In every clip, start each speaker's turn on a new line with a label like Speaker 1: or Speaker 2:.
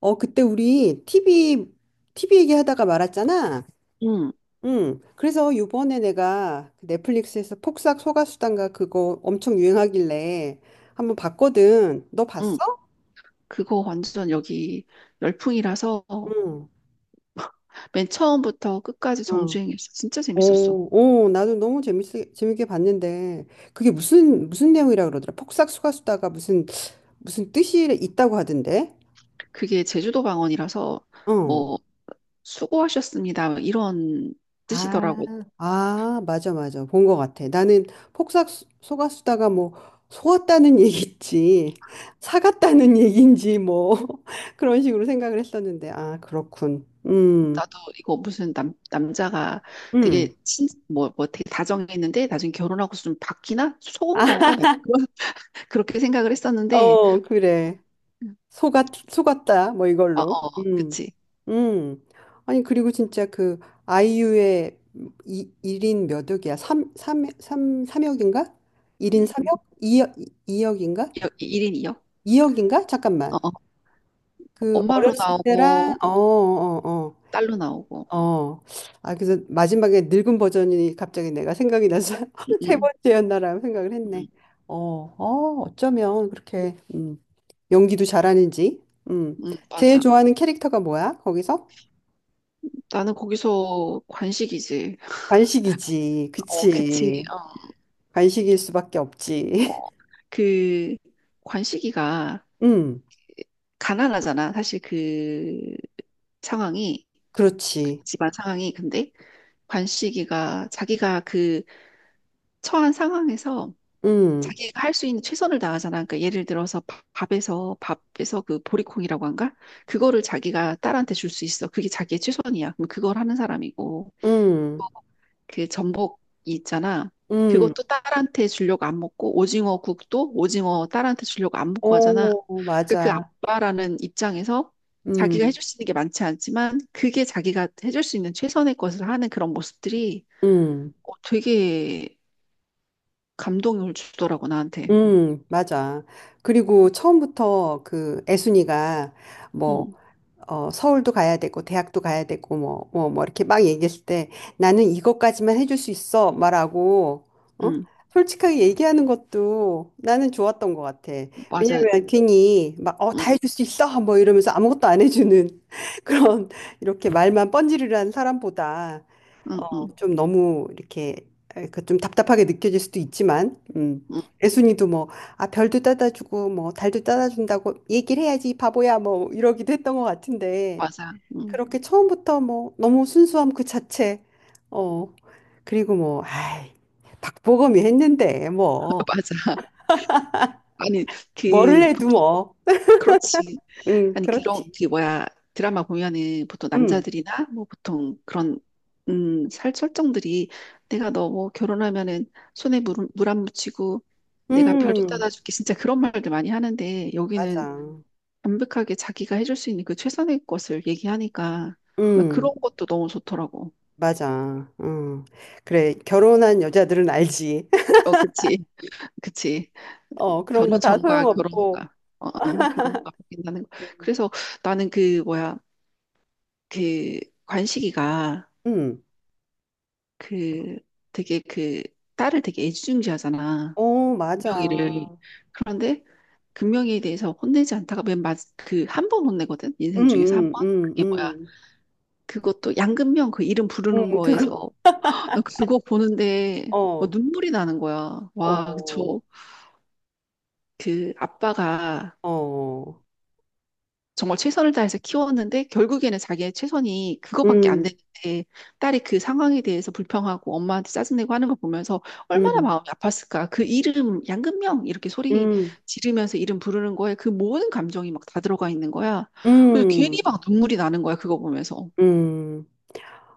Speaker 1: 어, 그때 우리 TV 얘기하다가 말았잖아.
Speaker 2: 응,
Speaker 1: 응. 그래서 요번에 내가 그 넷플릭스에서 폭삭 소가수단가 그거 엄청 유행하길래 한번 봤거든. 너 봤어?
Speaker 2: 응. 그거 완전 여기 열풍이라서
Speaker 1: 응.
Speaker 2: 맨 처음부터 끝까지
Speaker 1: 응.
Speaker 2: 정주행했어. 진짜 재밌었어.
Speaker 1: 오, 나도 너무 재밌게 봤는데, 그게 무슨 내용이라 그러더라. 폭삭 소가수다가 무슨 뜻이 있다고 하던데?
Speaker 2: 그게 제주도 방언이라서
Speaker 1: 어.
Speaker 2: 뭐 수고하셨습니다 뭐 이런
Speaker 1: 아,
Speaker 2: 뜻이더라고.
Speaker 1: 아, 맞아, 맞아. 본 것 같아. 나는 폭삭 속았수다가 뭐 속았다는 얘기지, 사갔다는 얘기인지 뭐 그런 식으로 생각을 했었는데, 아, 그렇군.
Speaker 2: 나도 이거 무슨 남 남자가
Speaker 1: 음.
Speaker 2: 되게 다정했는데 나중에 결혼하고서 좀 바뀌나 속은 건가
Speaker 1: 아,
Speaker 2: 나 그런 그렇게 생각을 했었는데
Speaker 1: 어, 그래. 속았다. 뭐
Speaker 2: 어,
Speaker 1: 이걸로.
Speaker 2: 어, 그치.
Speaker 1: 음. 아니, 그리고 진짜 그 아이유의 1인 몇 억이야? 삼삼삼삼억인가 1인
Speaker 2: 음, 음.
Speaker 1: 3억 2억, 이억인가
Speaker 2: 일 인이요.
Speaker 1: 2억인가?
Speaker 2: 어,
Speaker 1: 잠깐만.
Speaker 2: 어.
Speaker 1: 그
Speaker 2: 엄마로
Speaker 1: 어렸을
Speaker 2: 나오고,
Speaker 1: 때랑 어, 어,
Speaker 2: 딸로 나오고.
Speaker 1: 어, 어. 아, 그래서 마지막에 늙은 버전이 갑자기 내가 생각이 나서
Speaker 2: 응,
Speaker 1: 세
Speaker 2: 응,
Speaker 1: 번째였나라는 생각을 했네.
Speaker 2: 응.
Speaker 1: 어, 어, 어쩌면 그렇게 연기도 잘하는지. 음.
Speaker 2: 응,
Speaker 1: 제일
Speaker 2: 맞아.
Speaker 1: 좋아하는 캐릭터가 뭐야? 거기서?
Speaker 2: 나는 거기서 관식이지.
Speaker 1: 관식이지.
Speaker 2: 어, 그치.
Speaker 1: 그치.
Speaker 2: 어,
Speaker 1: 관식일 수밖에 없지.
Speaker 2: 어. 그 관식이가
Speaker 1: 음,
Speaker 2: 가난하잖아. 사실 그 상황이, 그
Speaker 1: 그렇지.
Speaker 2: 집안 상황이. 근데 관식이가 자기가 그 처한 상황에서
Speaker 1: 음,
Speaker 2: 자기가 할 수 있는 최선을 다하잖아. 그러니까 예를 들어서 밥에서 그 보리콩이라고 한가? 그거를 자기가 딸한테 줄 수 있어. 그게 자기의 최선이야. 그럼 그걸 하는 사람이고.
Speaker 1: 음,
Speaker 2: 그 전복 있잖아.
Speaker 1: 음.
Speaker 2: 그것도 딸한테 주려고 안 먹고 오징어 국도 오징어 딸한테 주려고 안 먹고 하잖아.
Speaker 1: 오,
Speaker 2: 그러니까 그
Speaker 1: 맞아.
Speaker 2: 아빠라는 입장에서 자기가
Speaker 1: 음,
Speaker 2: 해줄 수 있는 게 많지 않지만 그게 자기가 해줄 수 있는 최선의 것을 하는 그런 모습들이
Speaker 1: 음.
Speaker 2: 되게 감동을 주더라고 나한테.
Speaker 1: 맞아. 그리고 처음부터 그 애순이가 뭐,
Speaker 2: 응,
Speaker 1: 서울도 가야 되고, 대학도 가야 되고, 뭐, 이렇게 막 얘기했을 때 나는 이것까지만 해줄 수 있어. 말하고, 어?
Speaker 2: 응,
Speaker 1: 솔직하게 얘기하는 것도 나는 좋았던 것 같아.
Speaker 2: 맞아.
Speaker 1: 왜냐면 괜히 막, 다
Speaker 2: 응,
Speaker 1: 해줄 수 있어. 뭐 이러면서 아무것도 안 해주는 그런 이렇게 말만 번지르르한 사람보다
Speaker 2: 응, 응,
Speaker 1: 좀 너무 이렇게 그좀 답답하게 느껴질 수도 있지만,
Speaker 2: 응,
Speaker 1: 애순이도 뭐, 아, 별도 따다주고, 뭐, 달도 따다준다고 얘기를 해야지, 바보야, 뭐, 이러기도 했던 것 같은데,
Speaker 2: 맞아. 응,
Speaker 1: 그렇게 처음부터 뭐, 너무 순수함 그 자체, 어, 그리고 뭐, 아이, 박보검이 했는데, 뭐,
Speaker 2: 맞아. 아니
Speaker 1: 뭐를
Speaker 2: 그
Speaker 1: 해도
Speaker 2: 보통.
Speaker 1: 뭐,
Speaker 2: 그렇지. 아니 그런
Speaker 1: 그렇지.
Speaker 2: 그 뭐야 드라마 보면은 보통
Speaker 1: 음,
Speaker 2: 남자들이나 뭐 보통 그런 음살 설정들이 내가 너 뭐 결혼하면은 손에 물물안 묻히고 내가 별도
Speaker 1: 음,
Speaker 2: 따다줄게 진짜 그런 말들 많이 하는데 여기는
Speaker 1: 맞아.
Speaker 2: 완벽하게 자기가 해줄 수 있는 그 최선의 것을 얘기하니까 나
Speaker 1: 음,
Speaker 2: 그런 것도 너무 좋더라고.
Speaker 1: 맞아. 그래, 결혼한 여자들은 알지.
Speaker 2: 어, 그치. 그치.
Speaker 1: 그런 거
Speaker 2: 결혼
Speaker 1: 다
Speaker 2: 전과 결혼
Speaker 1: 소용없고.
Speaker 2: 후가 결혼과 바뀐다는 거. 그래서 나는 그 뭐야 그 관식이가
Speaker 1: 응.
Speaker 2: 그 되게 그 딸을 되게 애지중지하잖아.
Speaker 1: 어,
Speaker 2: 금명이를.
Speaker 1: 맞아.
Speaker 2: 그런데 금명이에 대해서 혼내지 않다가 맨 마지 그한 번 혼내거든.
Speaker 1: 응,
Speaker 2: 인생 중에서 한 번.
Speaker 1: 응, 응,
Speaker 2: 그게 뭐야?
Speaker 1: 응.
Speaker 2: 그것도 양금명 그 이름
Speaker 1: 응,
Speaker 2: 부르는 거에서
Speaker 1: 그거.
Speaker 2: 나 그거 보는데 뭐
Speaker 1: 어,
Speaker 2: 눈물이 나는 거야. 와,
Speaker 1: 어,
Speaker 2: 저 그 아빠가
Speaker 1: 어.
Speaker 2: 정말 최선을 다해서 키웠는데 결국에는 자기의 최선이 그거밖에 안
Speaker 1: 응,
Speaker 2: 되는데 딸이 그 상황에 대해서 불평하고 엄마한테 짜증내고 하는 거 보면서 얼마나
Speaker 1: 응,
Speaker 2: 마음이 아팠을까. 그 이름 양금명 이렇게 소리
Speaker 1: 응,
Speaker 2: 지르면서 이름 부르는 거에 그 모든 감정이 막 다 들어가 있는 거야. 그래서 괜히
Speaker 1: 응,
Speaker 2: 막 눈물이 나는 거야. 그거 보면서.
Speaker 1: 응.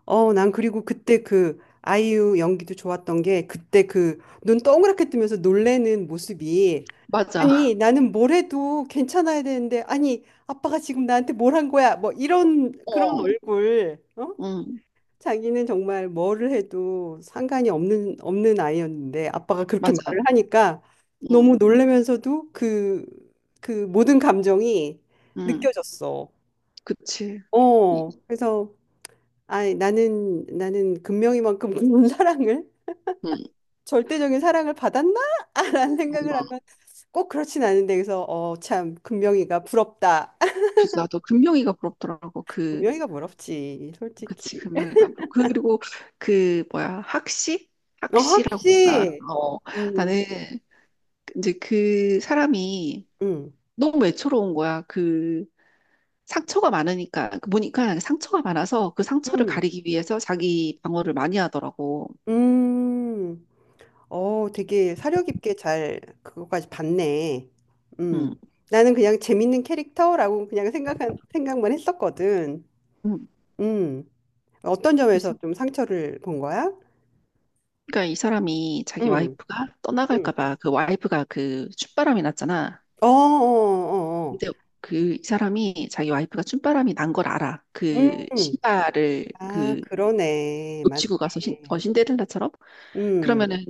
Speaker 1: 난 그리고 그때 그 아이유 연기도 좋았던 게 그때 그 눈 동그랗게 뜨면서 놀래는 모습이
Speaker 2: 맞아.
Speaker 1: 아니, 나는 뭘 해도 괜찮아야 되는데 아니, 아빠가 지금 나한테 뭘 한 거야? 뭐 이런 그런
Speaker 2: 어,
Speaker 1: 얼굴. 어?
Speaker 2: 응,
Speaker 1: 자기는 정말 뭐를 해도 상관이 없는 아이였는데 아빠가 그렇게
Speaker 2: 맞아.
Speaker 1: 말을 하니까 너무
Speaker 2: 응,
Speaker 1: 놀라면서도 그 모든 감정이
Speaker 2: 응,
Speaker 1: 느껴졌어.
Speaker 2: 그치. 이-
Speaker 1: 그래서 아, 나는 금명이만큼 그런 사랑을
Speaker 2: 응,
Speaker 1: 절대적인 사랑을 받았나라는 생각을
Speaker 2: 응.
Speaker 1: 하면 꼭 그렇진 않은데 그래서 참 금명이가 부럽다.
Speaker 2: 그래서 나도 금명이가 부럽더라고. 그
Speaker 1: 금명이가 부럽지,
Speaker 2: 그치,
Speaker 1: 솔직히.
Speaker 2: 금요일과 그- 그리고 그 뭐야 학시?
Speaker 1: 어,
Speaker 2: 학시라고 했나?
Speaker 1: 확실히.
Speaker 2: 어,
Speaker 1: 음,
Speaker 2: 나는 이제 그 사람이
Speaker 1: 음,
Speaker 2: 너무 외로운 거야. 그 상처가 많으니까 그 보니까 상처가 많아서 그 상처를
Speaker 1: 음,
Speaker 2: 가리기 위해서 자기 방어를 많이 하더라고.
Speaker 1: 음. 되게 사려 깊게 잘 그거까지 봤네.
Speaker 2: 음,
Speaker 1: 음. 나는 그냥 재밌는 캐릭터라고 그냥 생각한 생각만 했었거든.
Speaker 2: 음.
Speaker 1: 음. 어떤 점에서
Speaker 2: 그래서
Speaker 1: 좀 상처를 본 거야?
Speaker 2: 그러니까 이 사람이 자기
Speaker 1: 음.
Speaker 2: 와이프가 떠나갈까
Speaker 1: 음.
Speaker 2: 봐 그 와이프가 그 춥바람이 났잖아.
Speaker 1: 어, 어, 어,
Speaker 2: 근데 그 이 사람이 자기 와이프가 춤바람이 난 걸 알아.
Speaker 1: 어.
Speaker 2: 그
Speaker 1: 음.
Speaker 2: 신발을
Speaker 1: 아,
Speaker 2: 그
Speaker 1: 그러네. 맞네.
Speaker 2: 놓치고 가서 신, 신데렐라처럼?
Speaker 1: 음.
Speaker 2: 그러면은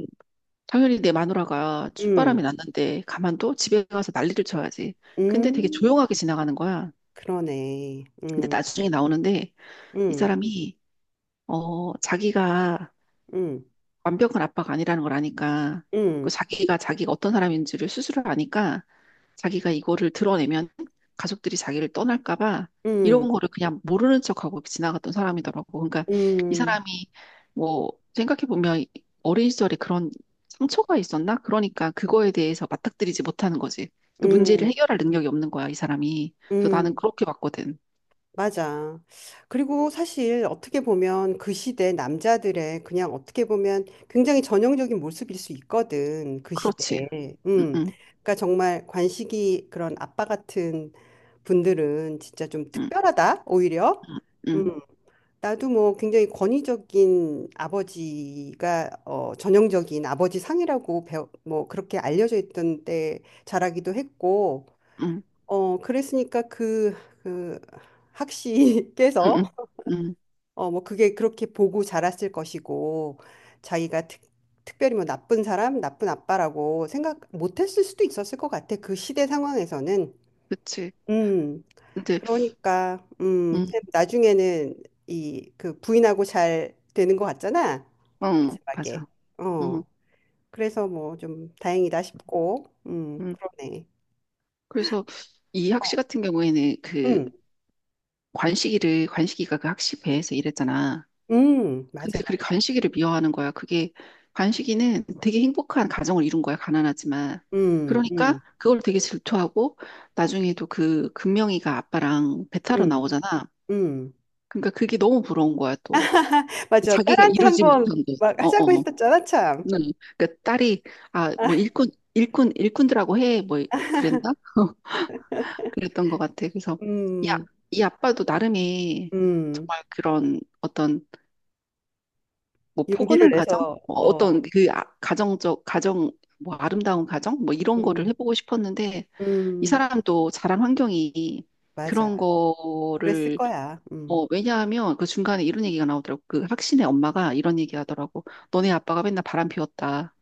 Speaker 2: 당연히 내 마누라가 춥바람이
Speaker 1: 음.
Speaker 2: 났는데 가만둬? 집에 가서 난리를 쳐야지. 근데 되게
Speaker 1: 음.
Speaker 2: 조용하게 지나가는 거야.
Speaker 1: 그러네.
Speaker 2: 근데
Speaker 1: 음.
Speaker 2: 나중에 나오는데 이
Speaker 1: 음.
Speaker 2: 사람이 자기가
Speaker 1: 음.
Speaker 2: 완벽한 아빠가 아니라는 걸 아니까 그
Speaker 1: 음.
Speaker 2: 자기가 어떤 사람인지를 스스로 아니까 자기가 이거를 드러내면 가족들이 자기를 떠날까 봐
Speaker 1: 음.
Speaker 2: 이런 거를 그냥 모르는 척하고 지나갔던 사람이더라고. 그러니까 이
Speaker 1: 음.
Speaker 2: 사람이 뭐 생각해 보면 어린 시절에 그런 상처가 있었나? 그러니까 그거에 대해서 맞닥뜨리지 못하는 거지. 그 문제를
Speaker 1: 음.
Speaker 2: 해결할 능력이 없는 거야, 이 사람이. 그래서 나는
Speaker 1: 음.
Speaker 2: 그렇게 봤거든.
Speaker 1: 맞아. 그리고 사실 어떻게 보면 그 시대 남자들의 그냥 어떻게 보면 굉장히 전형적인 모습일 수 있거든. 그
Speaker 2: 그렇지.
Speaker 1: 시대에.
Speaker 2: 응,
Speaker 1: 음.
Speaker 2: 응,
Speaker 1: 그러니까 정말 관식이 그런 아빠 같은 분들은 진짜 좀 특별하다, 오히려.
Speaker 2: 응, 응,
Speaker 1: 음. 나도 뭐 굉장히 권위적인 아버지가 전형적인 아버지 상이라고 배워, 뭐 그렇게 알려져 있던 때 자라기도 했고
Speaker 2: 응, 응,
Speaker 1: 그랬으니까 그
Speaker 2: 응,
Speaker 1: 학시께서,
Speaker 2: 응, 응.
Speaker 1: 어, 뭐 그게 그렇게 보고 자랐을 것이고, 자기가 특별히 뭐 나쁜 사람, 나쁜 아빠라고 생각 못 했을 수도 있었을 것 같아. 그 시대 상황에서는.
Speaker 2: 그치.
Speaker 1: 음,
Speaker 2: 근데
Speaker 1: 그러니까,
Speaker 2: 음,
Speaker 1: 나중에는 그 부인하고 잘 되는 것 같잖아.
Speaker 2: 응,
Speaker 1: 마지막에.
Speaker 2: 맞아.
Speaker 1: 어,
Speaker 2: 응,
Speaker 1: 그래서 뭐 좀 다행이다 싶고,
Speaker 2: 응.
Speaker 1: 그러네.
Speaker 2: 그래서 이 학시 같은 경우에는 그
Speaker 1: 음,
Speaker 2: 관식이가 그 학시 배에서 일했잖아.
Speaker 1: 맞아,
Speaker 2: 근데 그
Speaker 1: 맞아.
Speaker 2: 관식이를 미워하는 거야. 그게, 관식이는 되게 행복한 가정을 이룬 거야. 가난하지만.
Speaker 1: 음,
Speaker 2: 그러니까
Speaker 1: 음,
Speaker 2: 그걸 되게 질투하고 나중에도 그 금명이가 아빠랑 배 타러
Speaker 1: 음.
Speaker 2: 나오잖아.
Speaker 1: 음.
Speaker 2: 그러니까 그게 너무 부러운 거야, 또.
Speaker 1: 맞아.
Speaker 2: 자기가
Speaker 1: 딸한테
Speaker 2: 이루지
Speaker 1: 한번
Speaker 2: 못한 게.
Speaker 1: 막
Speaker 2: 어, 어.
Speaker 1: 하자고 했었잖아, 참.
Speaker 2: 응. 그러니까 딸이, 아, 일꾼들하고 해. 뭐 그랬나? 그랬던 것 같아. 그래서 이, 아,
Speaker 1: 음,
Speaker 2: 이 아빠도 나름의
Speaker 1: 음.
Speaker 2: 정말 그런 어떤 뭐
Speaker 1: 용기를
Speaker 2: 포근한 가정,
Speaker 1: 내서,
Speaker 2: 뭐
Speaker 1: 어,
Speaker 2: 어떤 그 아- 가정적 가정 뭐 아름다운 가정 뭐 이런 거를
Speaker 1: 음,
Speaker 2: 해보고 싶었는데 이
Speaker 1: 음,
Speaker 2: 사람도 자란 환경이 그런
Speaker 1: 맞아. 그랬을
Speaker 2: 거를
Speaker 1: 거야.
Speaker 2: 뭐. 왜냐하면 그 중간에 이런 얘기가 나오더라고. 그 학신의 엄마가 이런 얘기 하더라고. 너네 아빠가 맨날 바람 피웠다.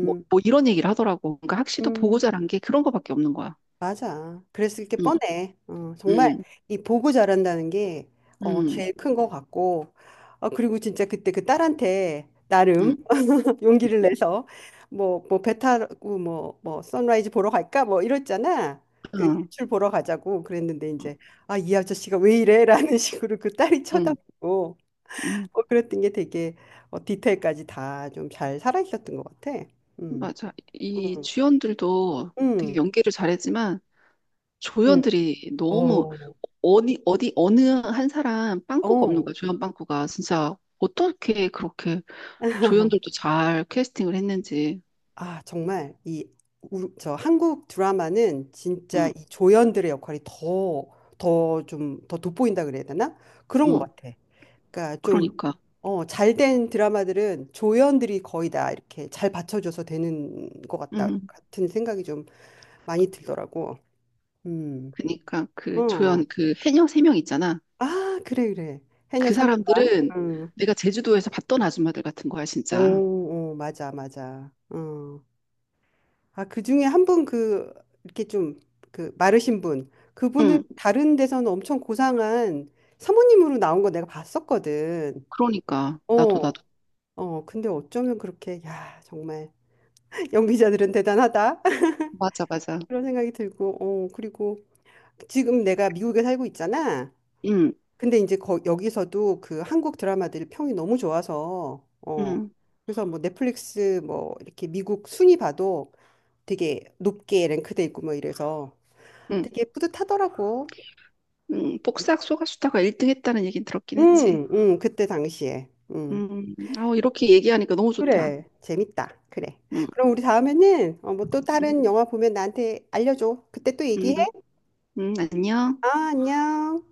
Speaker 2: 뭐, 뭐 이런 얘기를 하더라고. 그러니까 학시도 보고
Speaker 1: 음,
Speaker 2: 자란 게 그런 거밖에 없는 거야.
Speaker 1: 맞아. 그랬을 게
Speaker 2: 응,
Speaker 1: 뻔해. 정말
Speaker 2: 응,
Speaker 1: 이 보고 자란다는 게,
Speaker 2: 응,
Speaker 1: 제일 큰 거 같고. 그리고 진짜 그때 그 딸한테
Speaker 2: 응.
Speaker 1: 나름
Speaker 2: 응.
Speaker 1: 용기를 내서 뭐 배 타고 뭐 선라이즈 보러 갈까 뭐 이랬잖아. 그
Speaker 2: 응.
Speaker 1: 일출 보러 가자고 그랬는데 이제 아 이 아저씨가 왜 이래라는 식으로 그 딸이
Speaker 2: 음,
Speaker 1: 쳐다보고
Speaker 2: 음,
Speaker 1: 뭐 그랬던 게 되게 디테일까지 다 좀 잘 살아 있었던 것 같아. 음,
Speaker 2: 맞아. 이
Speaker 1: 음,
Speaker 2: 주연들도 되게
Speaker 1: 음,
Speaker 2: 연기를 잘했지만
Speaker 1: 음.
Speaker 2: 조연들이 너무
Speaker 1: 어,
Speaker 2: 어디 어디 어느 한 사람 빵꾸가 없는
Speaker 1: 어.
Speaker 2: 거야. 조연 빵꾸가 진짜 어떻게 그렇게 조연들도 잘 캐스팅을 했는지.
Speaker 1: 아 정말 이 저 한국 드라마는 진짜
Speaker 2: 응,
Speaker 1: 이 조연들의 역할이 더 좀 더 돋보인다 그래야 되나? 그런 것
Speaker 2: 응.
Speaker 1: 같아. 그러니까 좀
Speaker 2: 그러니까,
Speaker 1: 잘된 드라마들은 조연들이 거의 다 이렇게 잘 받쳐줘서 되는 것 같다
Speaker 2: 응.
Speaker 1: 같은 생각이 좀 많이 들더라고. 음.
Speaker 2: 그러니까 그
Speaker 1: 어.
Speaker 2: 조연 그 해녀 세 명 있잖아.
Speaker 1: 아, 그래 그래. 해녀
Speaker 2: 그
Speaker 1: 삼인방
Speaker 2: 사람들은
Speaker 1: 응.
Speaker 2: 내가 제주도에서 봤던 아줌마들 같은 거야, 진짜.
Speaker 1: 오, 오, 맞아 맞아. 어. 아, 그중에 한 분 그 이렇게 좀 그 마르신 분. 그분은
Speaker 2: 응.
Speaker 1: 다른 데서는 엄청 고상한 사모님으로 나온 거 내가 봤었거든.
Speaker 2: 그러니까 나도
Speaker 1: 어. 근데 어쩌면 그렇게 야, 정말 연기자들은 대단하다.
Speaker 2: 맞아, 맞아.
Speaker 1: 그런 생각이 들고, 그리고 지금 내가 미국에 살고 있잖아.
Speaker 2: 응
Speaker 1: 근데 이제 여기서도 그 한국 드라마들이 평이 너무 좋아서,
Speaker 2: 응
Speaker 1: 그래서 뭐 넷플릭스 뭐 이렇게 미국 순위 봐도 되게 높게 랭크돼 있고 뭐 이래서
Speaker 2: 응
Speaker 1: 되게 뿌듯하더라고.
Speaker 2: 복사학 소가수다가 1등 했다는 얘긴 들었긴 했지.
Speaker 1: 응, 응, 그때 당시에. 응.
Speaker 2: 아, 이렇게 얘기하니까 너무 좋다.
Speaker 1: 그래, 재밌다. 그래.
Speaker 2: 음,
Speaker 1: 그럼 우리 다음에는 뭐 또
Speaker 2: 음,
Speaker 1: 다른 영화 보면 나한테 알려줘. 그때 또
Speaker 2: 음,
Speaker 1: 얘기해.
Speaker 2: 안녕.
Speaker 1: 아, 안녕.